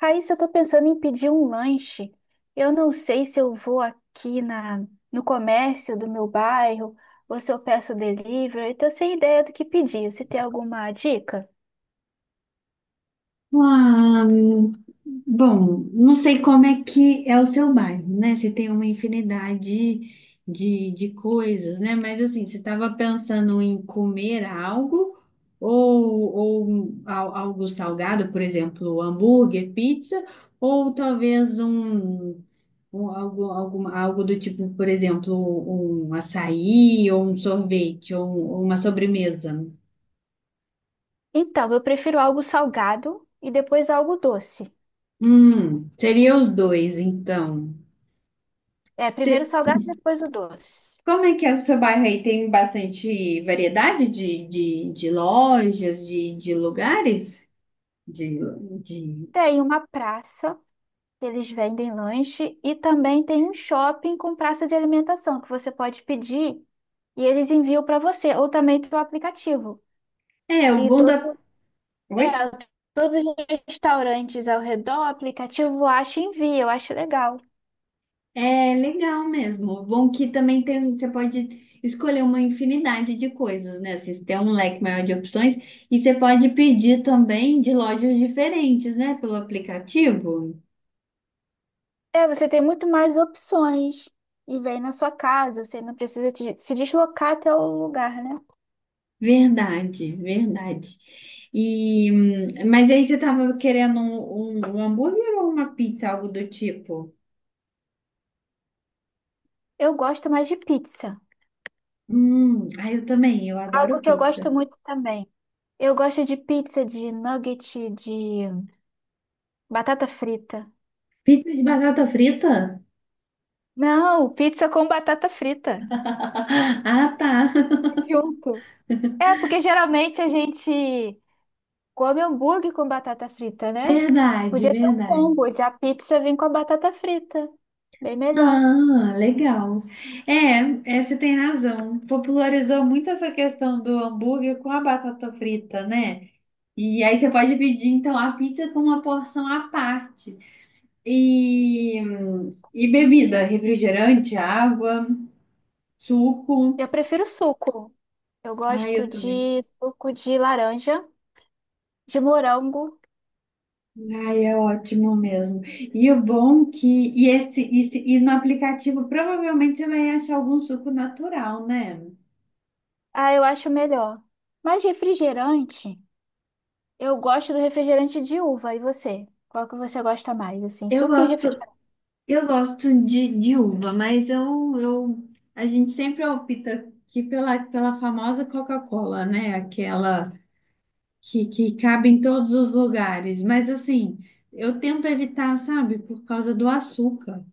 Raíssa, eu tô pensando em pedir um lanche. Eu não sei se eu vou no comércio do meu bairro ou se eu peço delivery. Eu tô sem ideia do que pedir. Você tem alguma dica? Ah, bom, não sei como é que é o seu bairro, né? Você tem uma infinidade de coisas, né? Mas assim, você estava pensando em comer algo ou, ou algo salgado, por exemplo, hambúrguer, pizza, ou talvez um algo, algo do tipo, por exemplo, um açaí ou um sorvete ou, ou uma sobremesa. Então, eu prefiro algo salgado e depois algo doce. Seria os dois, então. É, primeiro salgado, depois o doce. Como é que é o seu bairro aí? Tem bastante variedade de lojas, de lugares? De, de... Tem uma praça que eles vendem lanche e também tem um shopping com praça de alimentação que você pode pedir e eles enviam para você ou também pelo aplicativo, É, o que bom da... todo É, Oi? todos os restaurantes ao redor, o aplicativo acha e envia, eu acho legal. É legal mesmo. O bom que também tem, você pode escolher uma infinidade de coisas, né? Assim, você tem um leque maior de opções e você pode pedir também de lojas diferentes, né? Pelo aplicativo. É, você tem muito mais opções e vem na sua casa, você não precisa se deslocar até o lugar, né? Verdade, verdade. E, mas aí você tava querendo um, um hambúrguer ou uma pizza, algo do tipo? Eu gosto mais de pizza, Ah, eu também, eu algo adoro que eu gosto pizza. muito também. Eu gosto de pizza de nugget de batata frita. Pizza de batata frita? Não, pizza com batata frita. Ah, tá. Junto. É, porque geralmente a gente come hambúrguer com batata frita, né? Verdade, Podia ter um verdade. combo de a pizza vir com a batata frita. Bem melhor. Ah, legal. É, você tem razão. Popularizou muito essa questão do hambúrguer com a batata frita, né? E aí você pode pedir, então, a pizza com uma porção à parte. E, e bebida, refrigerante, água, suco. Eu prefiro suco. Eu Ai, gosto eu também. de suco de laranja, de morango. Ai, é ótimo mesmo. E o bom que. E, esse, e no aplicativo provavelmente você vai achar algum suco natural, né? Ah, eu acho melhor. Mas refrigerante, eu gosto do refrigerante de uva. E você? Qual que você gosta mais? Assim, Eu suco e gosto, refrigerante. eu gosto de uva, mas a gente sempre opta aqui pela famosa Coca-Cola, né? Aquela que cabe em todos os lugares. Mas assim, eu tento evitar, sabe, por causa do açúcar.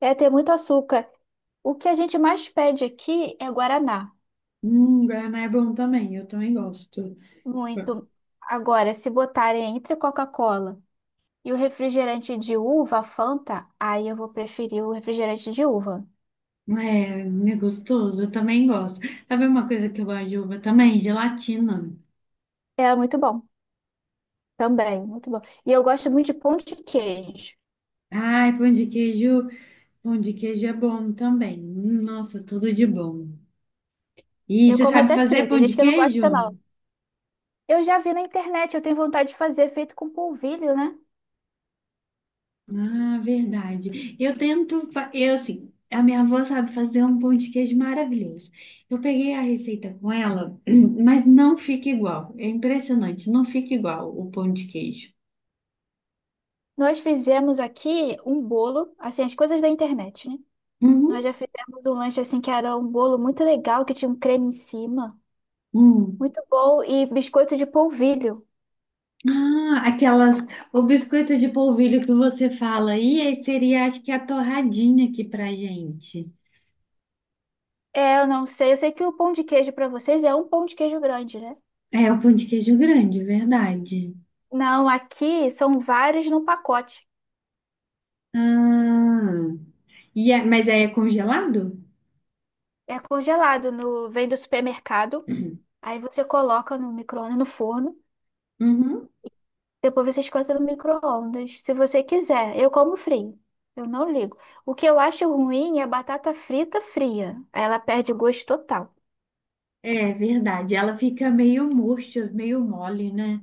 É ter muito açúcar. O que a gente mais pede aqui é guaraná. Guaraná é bom também, eu também gosto. Muito. Agora, se botarem entre Coca-Cola. E o refrigerante de uva, Fanta, aí eu vou preferir o refrigerante de uva. É, é gostoso, eu também gosto. Sabe uma coisa que eu gosto de uva também? Gelatina. É muito bom também, muito bom. E eu gosto muito de pão de queijo. Ai, pão de queijo é bom também. Hum. Nossa, tudo de bom. E Eu você como sabe até fazer frito, tem pão de gente que não gosta queijo? não. Eu já vi na internet, eu tenho vontade de fazer feito com polvilho, né? Ah, verdade. Eu tento, eu assim, a minha avó sabe fazer um pão de queijo maravilhoso. Eu peguei a receita com ela, mas não fica igual. É impressionante, não fica igual o pão de queijo. Nós fizemos aqui um bolo, assim, as coisas da internet, né? Uhum. Nós já fizemos um lanche assim que era um bolo muito legal, que tinha um creme em cima. Hum. Muito bom, e biscoito de polvilho. Ah, aquelas, o biscoito de polvilho que você fala aí, aí seria acho que a torradinha aqui pra gente. É, eu não sei. Eu sei que o pão de queijo para vocês é um pão de queijo grande, né? É o pão de queijo grande, verdade. Não, aqui são vários num pacote. Ah, mas aí é congelado? É congelado, no vem do supermercado. Aí você coloca no micro-ondas, no forno. Uhum. Depois você esquenta no micro-ondas, se você quiser. Eu como frio. Eu não ligo. O que eu acho ruim é a batata frita fria. Ela perde o gosto total. É verdade, ela fica meio murcha, meio mole, né?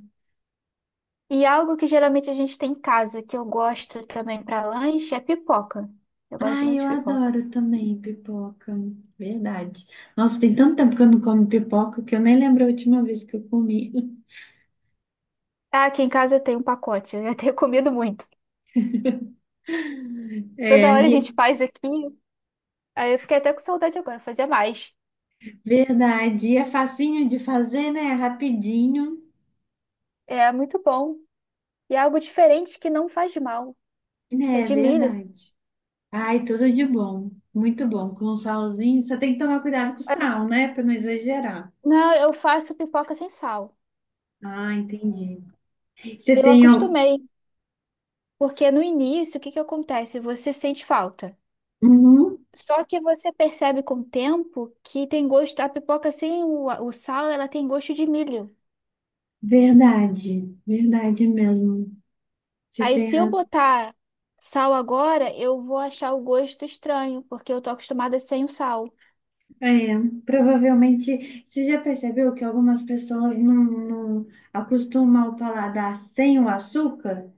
E algo que geralmente a gente tem em casa, que eu gosto também para lanche, é pipoca. Eu gosto Ai, muito eu de pipoca. adoro também pipoca. Verdade. Nossa, tem tanto tempo que eu não como pipoca que eu nem lembro a última vez que eu comi. Ah, aqui em casa tem um pacote. Eu já tenho comido muito. Toda É, hora a gente e- faz aqui. Aí eu fiquei até com saudade agora, fazia mais. verdade. E é facinho de fazer, né? É rapidinho. É muito bom. E é algo diferente que não faz mal, que é Né? É de milho. verdade. Ai, tudo de bom. Muito bom. Com um salzinho. Só tem que tomar cuidado com o Mas, sal, né? Pra não exagerar. não, eu faço pipoca sem sal. Ah, entendi. Você Eu tem. Acostumei, porque no início, o que que acontece? Você sente falta. Uhum, Só que você percebe com o tempo que tem gosto, a pipoca sem o sal, ela tem gosto de milho. verdade. Verdade mesmo. Você Aí tem se eu razão. botar sal agora, eu vou achar o gosto estranho, porque eu tô acostumada sem o sal. É, provavelmente, você já percebeu que algumas pessoas não acostumam o paladar sem o açúcar,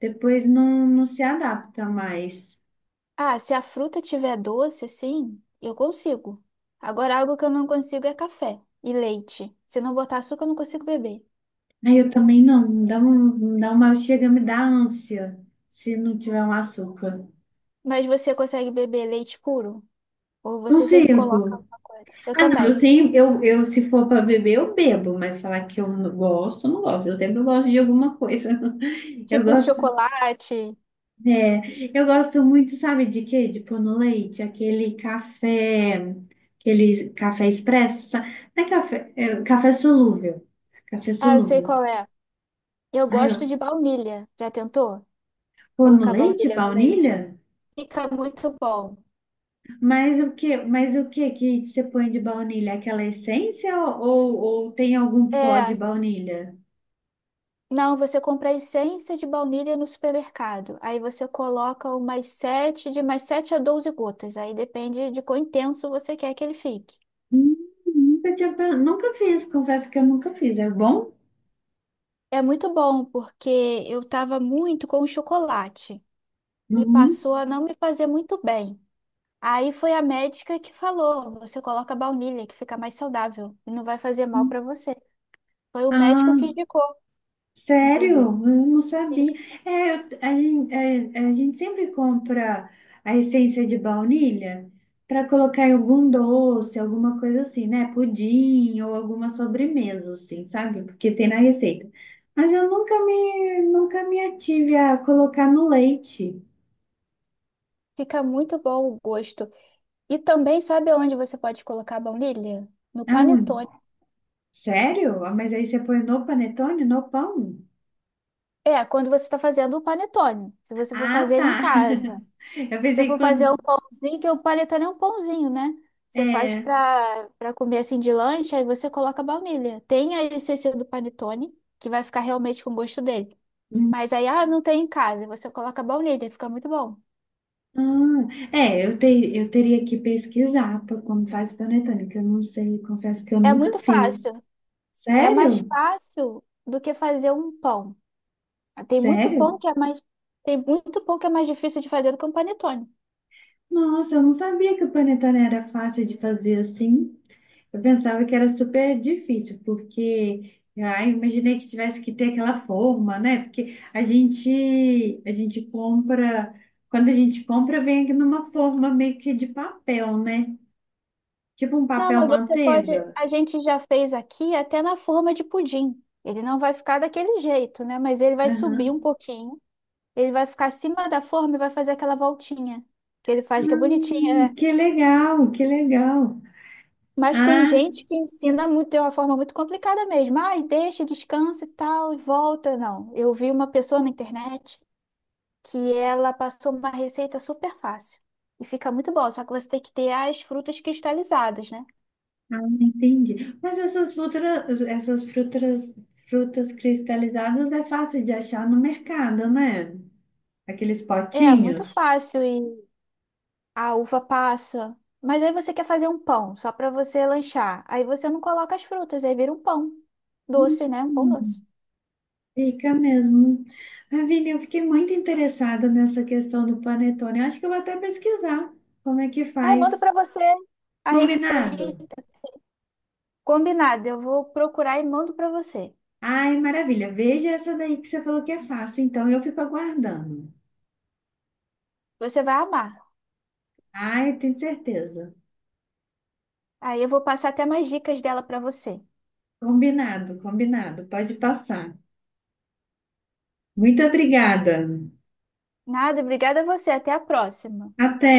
depois não se adapta mais. Ah, se a fruta tiver doce, sim, eu consigo. Agora, algo que eu não consigo é café e leite. Se não botar açúcar, eu não consigo beber. Aí eu também não, me dá uma, chega a me dar ânsia se não tiver um açúcar. Mas você consegue beber leite puro? Ou você sempre coloca Consigo. alguma coisa? Eu Ah, não, eu também. sei, eu, se for para beber, eu bebo, mas falar que eu não gosto, eu não gosto. Eu sempre gosto de alguma coisa. Eu Tipo um gosto. chocolate. É, eu gosto muito, sabe de quê? De pôr no leite, aquele café expresso, não é café, é, café solúvel, café Ah, eu sei solúvel. qual é. Eu Ai, eu gosto de baunilha. Já tentou? pôr no Colocar leite, baunilha no leite. baunilha? Fica muito bom. Mas o que que você põe de baunilha? Aquela essência ou tem algum pó de É, baunilha? não, você compra a essência de baunilha no supermercado. Aí você coloca umas 7, de mais 7 a 12 gotas. Aí depende de quão intenso você quer que ele fique. Hum. Nunca tinha, pe- nunca fiz, confesso que eu nunca fiz. É bom? É muito bom, porque eu estava muito com o chocolate e Uhum. passou a não me fazer muito bem. Aí foi a médica que falou: você coloca baunilha, que fica mais saudável e não vai fazer mal para você. Foi o médico que Ah, indicou, sério? inclusive. Eu não Sim. sabia. A gente sempre compra a essência de baunilha para colocar em algum doce, alguma coisa assim, né? Pudim ou alguma sobremesa, assim, sabe? Porque tem na receita. Mas eu nunca me, nunca me ative a colocar no leite. Fica muito bom o gosto. E também, sabe onde você pode colocar baunilha? No Ah. panetone. Sério? Ah, mas aí você põe no panetone, no pão? É, quando você está fazendo o panetone. Se você for Ah, fazer ele em tá. casa. Eu Se eu pensei que for fazer um quando. pãozinho, que o panetone é um pãozinho, né? Você faz É. para comer assim de lanche, aí você coloca a baunilha. Tem a essência do panetone, que vai ficar realmente com o gosto dele. Mas aí, ah, não tem em casa. Você coloca a baunilha, fica muito bom. Ah, é, eu teria que pesquisar como faz panetone, que eu não sei, confesso que eu É nunca muito fiz. fácil. É mais Sério? fácil do que fazer um pão. Tem muito Sério? pão que é mais, tem muito pão que é mais difícil de fazer do que um panetone. Nossa, eu não sabia que o panetone era fácil de fazer assim. Eu pensava que era super difícil, porque ah, eu imaginei que tivesse que ter aquela forma, né? Porque quando a gente compra, vem aqui numa forma meio que de papel, né? Tipo um Não, papel mas você pode. manteiga. A gente já fez aqui até na forma de pudim. Ele não vai ficar daquele jeito, né? Mas ele vai subir um pouquinho. Ele vai ficar acima da forma e vai fazer aquela voltinha que ele faz, que é bonitinha, Ah, né? que legal, que legal. Mas tem Ah, gente que ensina muito, de uma forma muito complicada mesmo. Ai, deixa, descansa e tal, e volta. Não. Eu vi uma pessoa na internet que ela passou uma receita super fácil. E fica muito bom, só que você tem que ter as frutas cristalizadas, né? ah, entendi. Mas frutas cristalizadas é fácil de achar no mercado, né? Aqueles É, muito potinhos. fácil e a uva passa. Mas aí você quer fazer um pão só para você lanchar. Aí você não coloca as frutas, aí vira um pão doce, né? Um pão doce. Hum. Fica mesmo. Ravine, eu fiquei muito interessada nessa questão do panetone. Eu acho que eu vou até pesquisar como é que Aí eu mando faz. para você a receita Combinado? combinada. Eu vou procurar e mando para você. Ai, maravilha. Veja essa daí que você falou que é fácil, então eu fico aguardando. Você vai amar. Ai, eu tenho certeza. Aí eu vou passar até mais dicas dela para você. Combinado, combinado. Pode passar. Muito obrigada. Nada, obrigada a você. Até a próxima. Até.